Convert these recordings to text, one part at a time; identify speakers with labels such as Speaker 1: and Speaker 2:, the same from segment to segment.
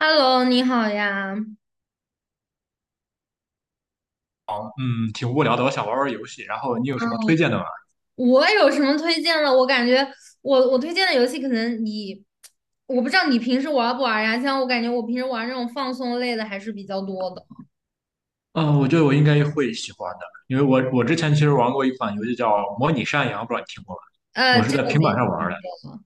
Speaker 1: Hello，你好呀。嗯，
Speaker 2: 嗯，挺无聊的，我想玩玩游戏。然后你有什么推荐的吗？
Speaker 1: 我有什么推荐的？我感觉我推荐的游戏可能你，我不知道你平时玩不玩呀？像我感觉我平时玩这种放松类的还是比较多的。
Speaker 2: 嗯，我觉得我应该会喜欢的，因为我之前其实玩过一款游戏叫《模拟山羊》，不知道你听过吗？我是
Speaker 1: 这
Speaker 2: 在
Speaker 1: 个我
Speaker 2: 平
Speaker 1: 没
Speaker 2: 板上玩
Speaker 1: 听
Speaker 2: 的，
Speaker 1: 过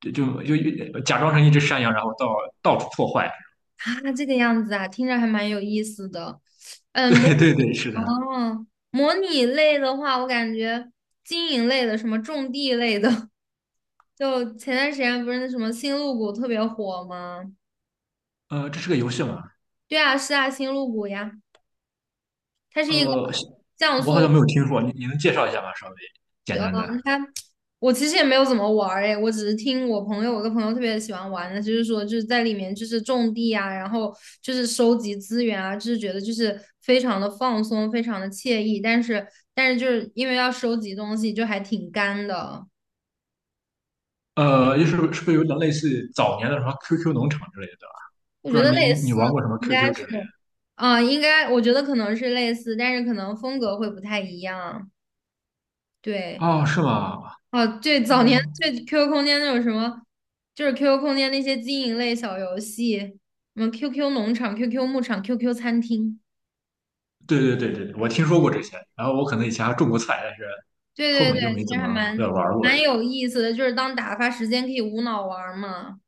Speaker 2: 就就假装成一只山羊，然后到处破坏。
Speaker 1: 啊，这个样子啊，听着还蛮有意思的。嗯，模
Speaker 2: 对对对，是的。
Speaker 1: 哦，模拟类的话，我感觉经营类的，什么种地类的，就前段时间不是那什么星露谷特别火吗？
Speaker 2: 这是个游戏吗？
Speaker 1: 对啊，是啊，星露谷呀。它是一个
Speaker 2: 呃，
Speaker 1: 像
Speaker 2: 我好像
Speaker 1: 素，
Speaker 2: 没有听说，你能介绍一下吗？稍微简
Speaker 1: 呃，
Speaker 2: 单的。
Speaker 1: 它我其实也没有怎么玩儿诶，我只是听我朋友，我一个朋友特别喜欢玩的，就是说就是在里面就是种地啊，然后就是收集资源啊，就是觉得就是非常的放松，非常的惬意，但是就是因为要收集东西，就还挺干的。
Speaker 2: 就是是不是有点类似于早年的什么 QQ 农场之类的？
Speaker 1: 我
Speaker 2: 不
Speaker 1: 觉
Speaker 2: 知道
Speaker 1: 得
Speaker 2: 你
Speaker 1: 类
Speaker 2: 你你
Speaker 1: 似
Speaker 2: 玩过什么
Speaker 1: 应该
Speaker 2: QQ
Speaker 1: 是
Speaker 2: 之类
Speaker 1: 啊、应该我觉得可能是类似，但是可能风格会不太一样，
Speaker 2: 的？
Speaker 1: 对。
Speaker 2: 哦，是吗？
Speaker 1: 哦，对，早年
Speaker 2: 哦，
Speaker 1: 对 QQ 空间那种什么，就是 QQ 空间那些经营类小游戏，什么 QQ 农场、QQ 牧场、QQ 餐厅，
Speaker 2: 对对对对，我听说过这些，然后我可能以前还种过菜，但是
Speaker 1: 对
Speaker 2: 后
Speaker 1: 对对，
Speaker 2: 面就没
Speaker 1: 其
Speaker 2: 怎
Speaker 1: 实
Speaker 2: 么
Speaker 1: 还蛮
Speaker 2: 玩过了。
Speaker 1: 蛮有意思的，就是当打发时间可以无脑玩儿嘛。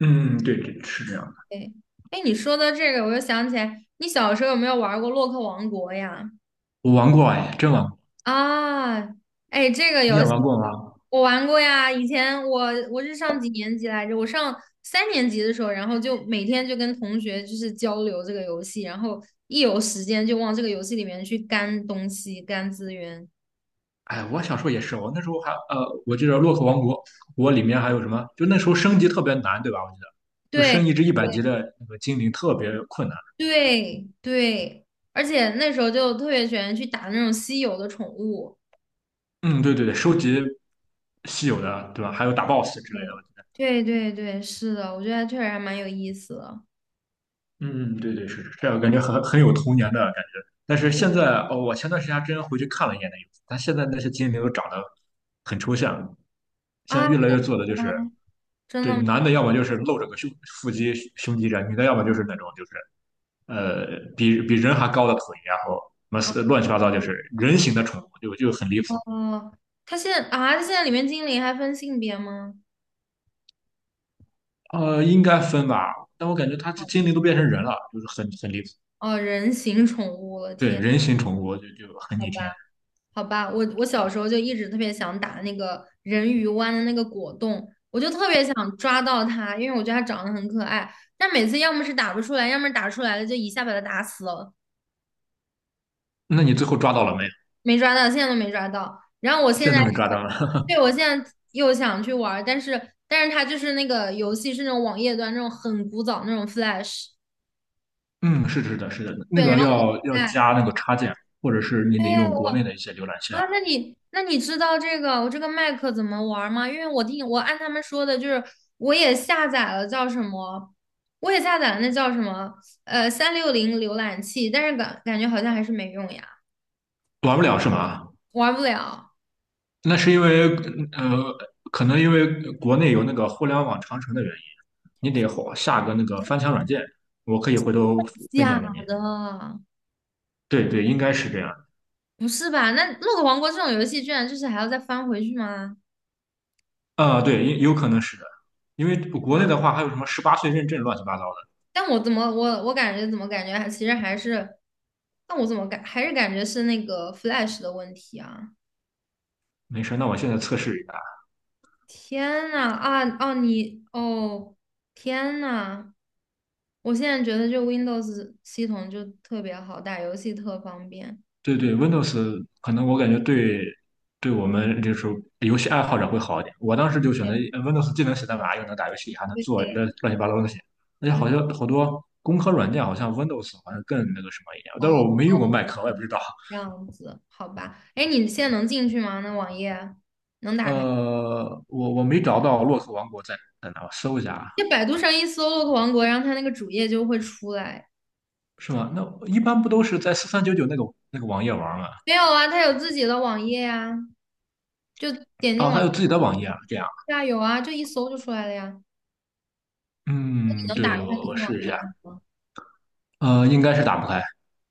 Speaker 2: 嗯，对对，是这样的。
Speaker 1: 对，哎，你说的这个，我又想起来，你小时候有没有玩过《洛克王国》呀？
Speaker 2: 我玩过哎，真玩过。
Speaker 1: 啊，哎，这个
Speaker 2: 你也
Speaker 1: 游戏
Speaker 2: 玩过吗？
Speaker 1: 我玩过呀。以前我是上几年级来着？我上三年级的时候，然后就每天就跟同学就是交流这个游戏，然后一有时间就往这个游戏里面去干东西、干资源。
Speaker 2: 哎，我小时候也是，我那时候还，我记得《洛克王国》，我里面还有什么？就那时候升级特别难，对吧？我记得，就
Speaker 1: 对
Speaker 2: 升一只一百
Speaker 1: 对
Speaker 2: 级的那个精灵特别困难。
Speaker 1: 对，对。而且那时候就特别喜欢去打那种稀有的宠物。
Speaker 2: 嗯，对对对，收集稀有的，对吧？还有打 BOSS 之类的。
Speaker 1: 对对对对，是的，我觉得确实还蛮有意思的
Speaker 2: 嗯，嗯对对是，这样，感觉很有童年的感觉。但是现在，哦，我前段时间还真回去看了一眼那个，但现在那些精灵都长得很抽象，现在
Speaker 1: 啊，
Speaker 2: 越来越做的就是，
Speaker 1: 真
Speaker 2: 对，
Speaker 1: 的
Speaker 2: 男
Speaker 1: 吗？
Speaker 2: 的要么就是露着个胸腹肌胸肌这样，女的要么就是那种就是比人还高的腿，然后什
Speaker 1: 啊。
Speaker 2: 么乱七八糟就是人形的宠物，就很离谱。
Speaker 1: 哦，他现在啊，他现在里面精灵还分性别吗？
Speaker 2: 应该分吧，但我感觉它这精灵都变成人了，就是很离谱。
Speaker 1: 哦，人形宠物了，
Speaker 2: 对，
Speaker 1: 天，
Speaker 2: 人形宠物就很
Speaker 1: 好
Speaker 2: 逆
Speaker 1: 吧，
Speaker 2: 天。
Speaker 1: 好吧，我小时候就一直特别想打那个人鱼湾的那个果冻，我就特别想抓到它，因为我觉得它长得很可爱，但每次要么是打不出来，要么是打出来了就一下把它打死了，
Speaker 2: 那你最后抓到了没？
Speaker 1: 没抓到，现在都没抓到。然后我现
Speaker 2: 现
Speaker 1: 在
Speaker 2: 在都被
Speaker 1: 是，
Speaker 2: 抓到了。
Speaker 1: 对，我现在又想去玩儿但是它就是那个游戏是那种网页端那种很古早那种 Flash,
Speaker 2: 嗯，是的是的，是的，那
Speaker 1: 对，然
Speaker 2: 个
Speaker 1: 后我
Speaker 2: 要
Speaker 1: 现
Speaker 2: 加
Speaker 1: 在。
Speaker 2: 那个插件，或者是你得用国内的一些浏览器啊。
Speaker 1: 啊，那你知道这个我这个麦克怎么玩儿吗？因为我听我按他们说的，我也下载了叫什么，我也下载了那叫什么，三六零浏览器，但是感觉好像还是没用呀，
Speaker 2: 玩不了是吗？
Speaker 1: 玩不了。
Speaker 2: 那是因为呃，可能因为国内有那个互联网长城的原因，你得下个那个翻墙软件，我可以回头分
Speaker 1: 假
Speaker 2: 享给你。
Speaker 1: 的，
Speaker 2: 对对，应该是这样。
Speaker 1: 不是吧？那《洛克王国》这种游戏居然就是还要再翻回去吗？
Speaker 2: 啊、对，有可能是的，因为国
Speaker 1: 啊，
Speaker 2: 内的话还有什么十八岁认证乱七八糟的。
Speaker 1: 但我怎么我我感觉怎么感觉还其实还是，但我怎么感还是感觉是那个 Flash 的问题啊？
Speaker 2: 没事，那我现在测试一下。
Speaker 1: 天呐，啊哦你哦天呐，我现在觉得就 Windows 系统就特别好，打游戏特方便。
Speaker 2: 对对，Windows 可能我感觉对对我们就是游戏爱好者会好一点。我当时就选择Windows，既能写代码，又能打游戏，还能做
Speaker 1: 对，
Speaker 2: 乱七八糟的东西。而且
Speaker 1: 就
Speaker 2: 好像好多工科软件好像 Windows 好像更那个什么一点，但是
Speaker 1: 哦
Speaker 2: 我没用过 Mac，我也不知道。
Speaker 1: 这样子，好吧。哎，你现在能进去吗？那网页能打开？
Speaker 2: 我没找到洛克王国在哪，我搜一下啊，
Speaker 1: 就百度上一搜洛克王国"，然后它那个主页就会出来。
Speaker 2: 是吗？那一般不都是在4399那个网页玩吗？
Speaker 1: 没有啊，它有自己的网页呀、就点进
Speaker 2: 哦，
Speaker 1: 网
Speaker 2: 它有
Speaker 1: 页，
Speaker 2: 自己的网页啊，这样。
Speaker 1: 对啊，有啊，就一搜就出来了呀。
Speaker 2: 嗯，
Speaker 1: 你能打
Speaker 2: 对，
Speaker 1: 开
Speaker 2: 我
Speaker 1: 那
Speaker 2: 我
Speaker 1: 个
Speaker 2: 试
Speaker 1: 网
Speaker 2: 一
Speaker 1: 页
Speaker 2: 下。
Speaker 1: 吗？
Speaker 2: 应该是打不开，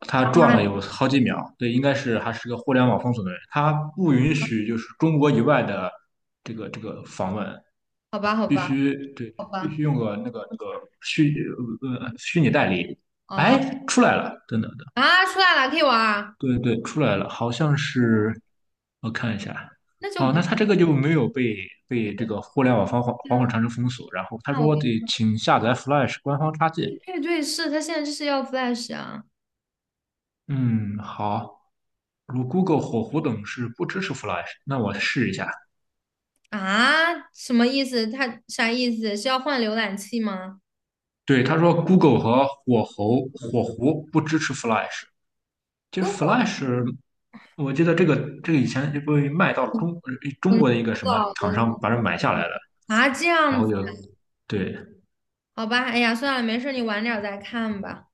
Speaker 2: 他转了有好几秒。对，应该是还是个互联网封锁的人，他不允许就是中国以外的这个访问，
Speaker 1: 好吧，好
Speaker 2: 必
Speaker 1: 吧，
Speaker 2: 须对，
Speaker 1: 好
Speaker 2: 必
Speaker 1: 吧，
Speaker 2: 须用个那个虚虚拟代理。
Speaker 1: 哦。
Speaker 2: 哎，出来了，等等的，
Speaker 1: 啊，出来了，可以玩啊，
Speaker 2: 对对，出来了，好像是我看一下。
Speaker 1: 那就
Speaker 2: 哦，
Speaker 1: 不
Speaker 2: 那
Speaker 1: 是
Speaker 2: 他这个就没有被
Speaker 1: 一
Speaker 2: 被
Speaker 1: 个。
Speaker 2: 这个互联网防火
Speaker 1: 天
Speaker 2: 防火
Speaker 1: 呐，
Speaker 2: 长城封锁，然后他
Speaker 1: 那我
Speaker 2: 说得请下载 Flash 官方插件。
Speaker 1: 配对是他现在就是要 Flash 啊
Speaker 2: 嗯，好。如 Google 火狐等是不支持 Flash，那我试一下。
Speaker 1: 啊，什么意思？他啥意思？是要换浏览器吗
Speaker 2: 对，他说 Google 和火狐不支持 Flash。其实
Speaker 1: ？Google
Speaker 2: Flash，我记得这个以前就被卖到中
Speaker 1: 很
Speaker 2: 国的一个
Speaker 1: 古
Speaker 2: 什么
Speaker 1: 早的
Speaker 2: 厂
Speaker 1: 东
Speaker 2: 商把这买下来
Speaker 1: 西
Speaker 2: 了，
Speaker 1: 啊，这
Speaker 2: 然
Speaker 1: 样
Speaker 2: 后
Speaker 1: 子，
Speaker 2: 就对，
Speaker 1: 好吧，哎呀，算了，没事，你晚点儿再看吧。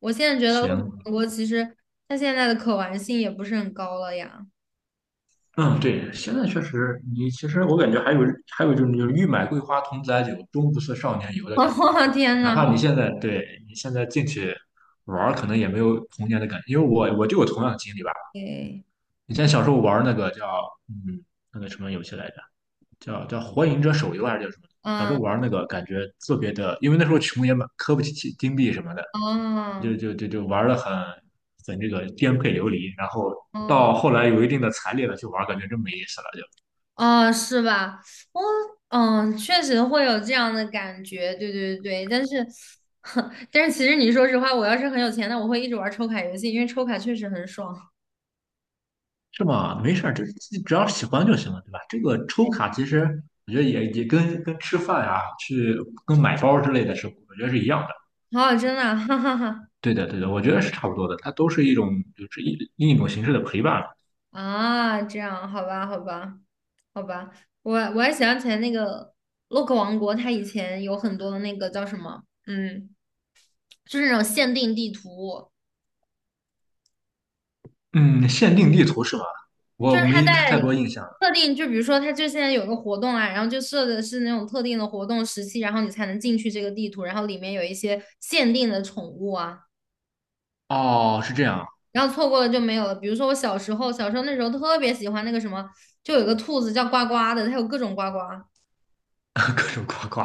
Speaker 1: 我现在觉得陆
Speaker 2: 行，
Speaker 1: 建国其实他现在的可玩性也不是很高了呀。
Speaker 2: 嗯，对，现在确实，你其实我感觉还有就是欲买桂花同载酒，终不似少年游 的感觉。
Speaker 1: 哦，天
Speaker 2: 哪
Speaker 1: 呐，
Speaker 2: 怕你现在对你现在进去玩儿可能也没有童年的感觉，因为我就有同样的经历吧。
Speaker 1: 哎，
Speaker 2: 以前
Speaker 1: 就
Speaker 2: 小时候玩那个叫嗯那个什么游戏来着，叫《火影者手游》还是叫什么？小时候
Speaker 1: 嗯，
Speaker 2: 玩那个感觉特别的，因为那时候穷也买磕不起金币什么的，就
Speaker 1: 哦，
Speaker 2: 就就就玩的很这个颠沛流离。然后
Speaker 1: 哦。
Speaker 2: 到后来有一定的财力了去玩，感觉真没意思了就，
Speaker 1: 哦，是吧？我确实会有这样的感觉，对对对。但是，但是其实你说实话，我要是很有钱，那我会一直玩抽卡游戏，因为抽卡确实很爽。
Speaker 2: 是吗？没事儿，这自己只要喜欢就行了，对吧？这个抽卡其实我觉得也跟吃饭呀、去跟买包之类的是，我觉得是一样的。
Speaker 1: 哦，真的啊 哈哈哈
Speaker 2: 对的，对的，我觉得是差不多的，它都是一种就是另一种形式的陪伴。
Speaker 1: 啊，这样，好吧，好吧，好吧。我还想起来那个洛克王国，它以前有很多那个叫什么，就是那种限定地图。
Speaker 2: 嗯，限定地图是吧？
Speaker 1: 就
Speaker 2: 我
Speaker 1: 是他
Speaker 2: 没
Speaker 1: 在
Speaker 2: 太多印象。
Speaker 1: 特定，就比如说他就现在有个活动啊，然后就设的是那种特定的活动时期，然后你才能进去这个地图，然后里面有一些限定的宠物啊，
Speaker 2: 哦，是这样，
Speaker 1: 然后错过了就没有了。比如说我小时候，小时候那时候特别喜欢那个什么，就有个兔子叫呱呱的，它有各种呱呱，
Speaker 2: 各种呱呱，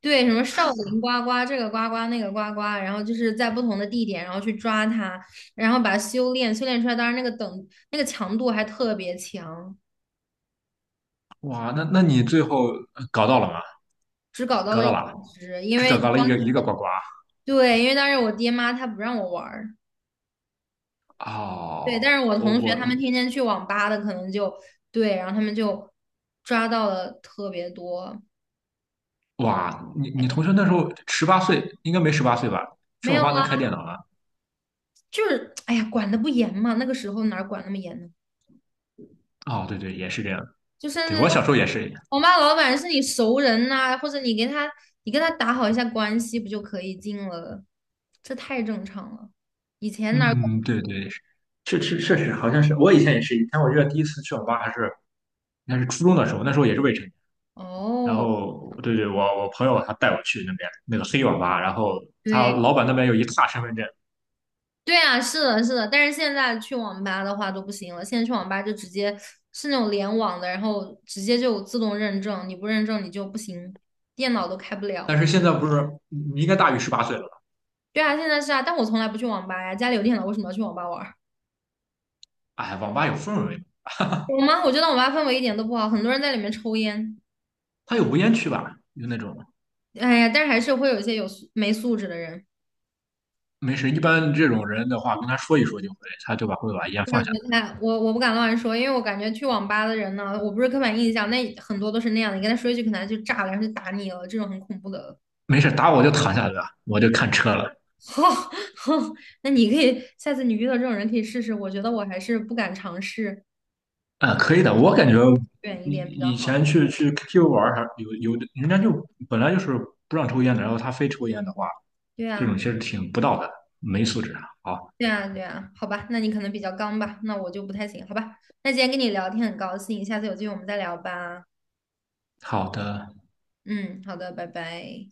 Speaker 1: 对，什么少林呱呱，这个呱呱那个呱呱，然后就是在不同的地点，然后去抓它，然后把它修炼，修炼出来，当然那个等那个强度还特别强，
Speaker 2: 哇，那你最后搞到了吗？
Speaker 1: 只搞到
Speaker 2: 搞
Speaker 1: 了
Speaker 2: 到
Speaker 1: 一
Speaker 2: 了，
Speaker 1: 只，因
Speaker 2: 只
Speaker 1: 为
Speaker 2: 找到了
Speaker 1: 当。
Speaker 2: 一个呱呱。
Speaker 1: 对，因为当时我爹妈他不让我玩儿，对，
Speaker 2: 哦，
Speaker 1: 但是我同学他们天天去网吧的，可能就对，然后他们就抓到了特别多。
Speaker 2: 哇，你同学那时候十八岁，应该没十八岁吧？去
Speaker 1: 没
Speaker 2: 网
Speaker 1: 有
Speaker 2: 吧
Speaker 1: 啊，
Speaker 2: 能开电脑了？
Speaker 1: 就是哎呀，管的不严嘛，那个时候哪儿管那么严呢？
Speaker 2: 哦，对对，也是这样。
Speaker 1: 就甚
Speaker 2: 对，
Speaker 1: 至
Speaker 2: 我
Speaker 1: 那
Speaker 2: 小时候也是。
Speaker 1: 网吧老板是你熟人呐、或者你跟他打好一下关系，不就可以进了？这太正常了，以前哪儿
Speaker 2: 嗯，对对，是确实好像是，我以前也是。以前我记得第一次去网吧还是应该是初中的时候，那时候也是未成年，
Speaker 1: 管
Speaker 2: 然
Speaker 1: 哦，
Speaker 2: 后对对，我朋友他带我去那边那个黑网吧，然后他
Speaker 1: 对。
Speaker 2: 老板那边有一沓身份证。
Speaker 1: 对啊，是的，是的，但是现在去网吧的话都不行了，现在去网吧就直接是那种联网的，然后直接就自动认证，你不认证你就不行，电脑都开不
Speaker 2: 但
Speaker 1: 了。
Speaker 2: 是现在不是你应该大于十八岁了吧？
Speaker 1: 对啊，现在是啊，但我从来不去网吧呀，家里有电脑，为什么要去网吧玩儿？
Speaker 2: 哎，网吧有氛围，
Speaker 1: 有吗？我觉得网吧氛围一点都不好，很多人在里面抽烟，
Speaker 2: 他有无烟区吧？就那种
Speaker 1: 哎呀，但是还是会有一些有素没素质的人。
Speaker 2: 没事，一般这种人的话，跟他说一说就会，他就会把烟
Speaker 1: 那
Speaker 2: 放下。
Speaker 1: 我看我不敢乱说，因为我感觉去网吧的人呢，我不是刻板印象，那很多都是那样的，你跟他说一句，可能他就炸了，然后就打你了，这种很恐怖的。
Speaker 2: 没事，打我就躺下对吧？我就看车了。
Speaker 1: 好，好，那你可以下次你遇到这种人可以试试，我觉得我还是不敢尝试，
Speaker 2: 啊、可以的，我感觉
Speaker 1: 远一点比较
Speaker 2: 以以
Speaker 1: 好。
Speaker 2: 前去 KTV 玩儿还有有的人家就本来就是不让抽烟的，然后他非抽烟的话，
Speaker 1: 对
Speaker 2: 这种
Speaker 1: 啊，
Speaker 2: 其实挺不道德的，没素质啊。好
Speaker 1: 对啊，对啊，好吧，那你可能比较刚吧，那我就不太行，好吧。那今天跟你聊天很高兴，下次有机会我们再聊吧。
Speaker 2: 好的。
Speaker 1: 嗯，好的，拜拜。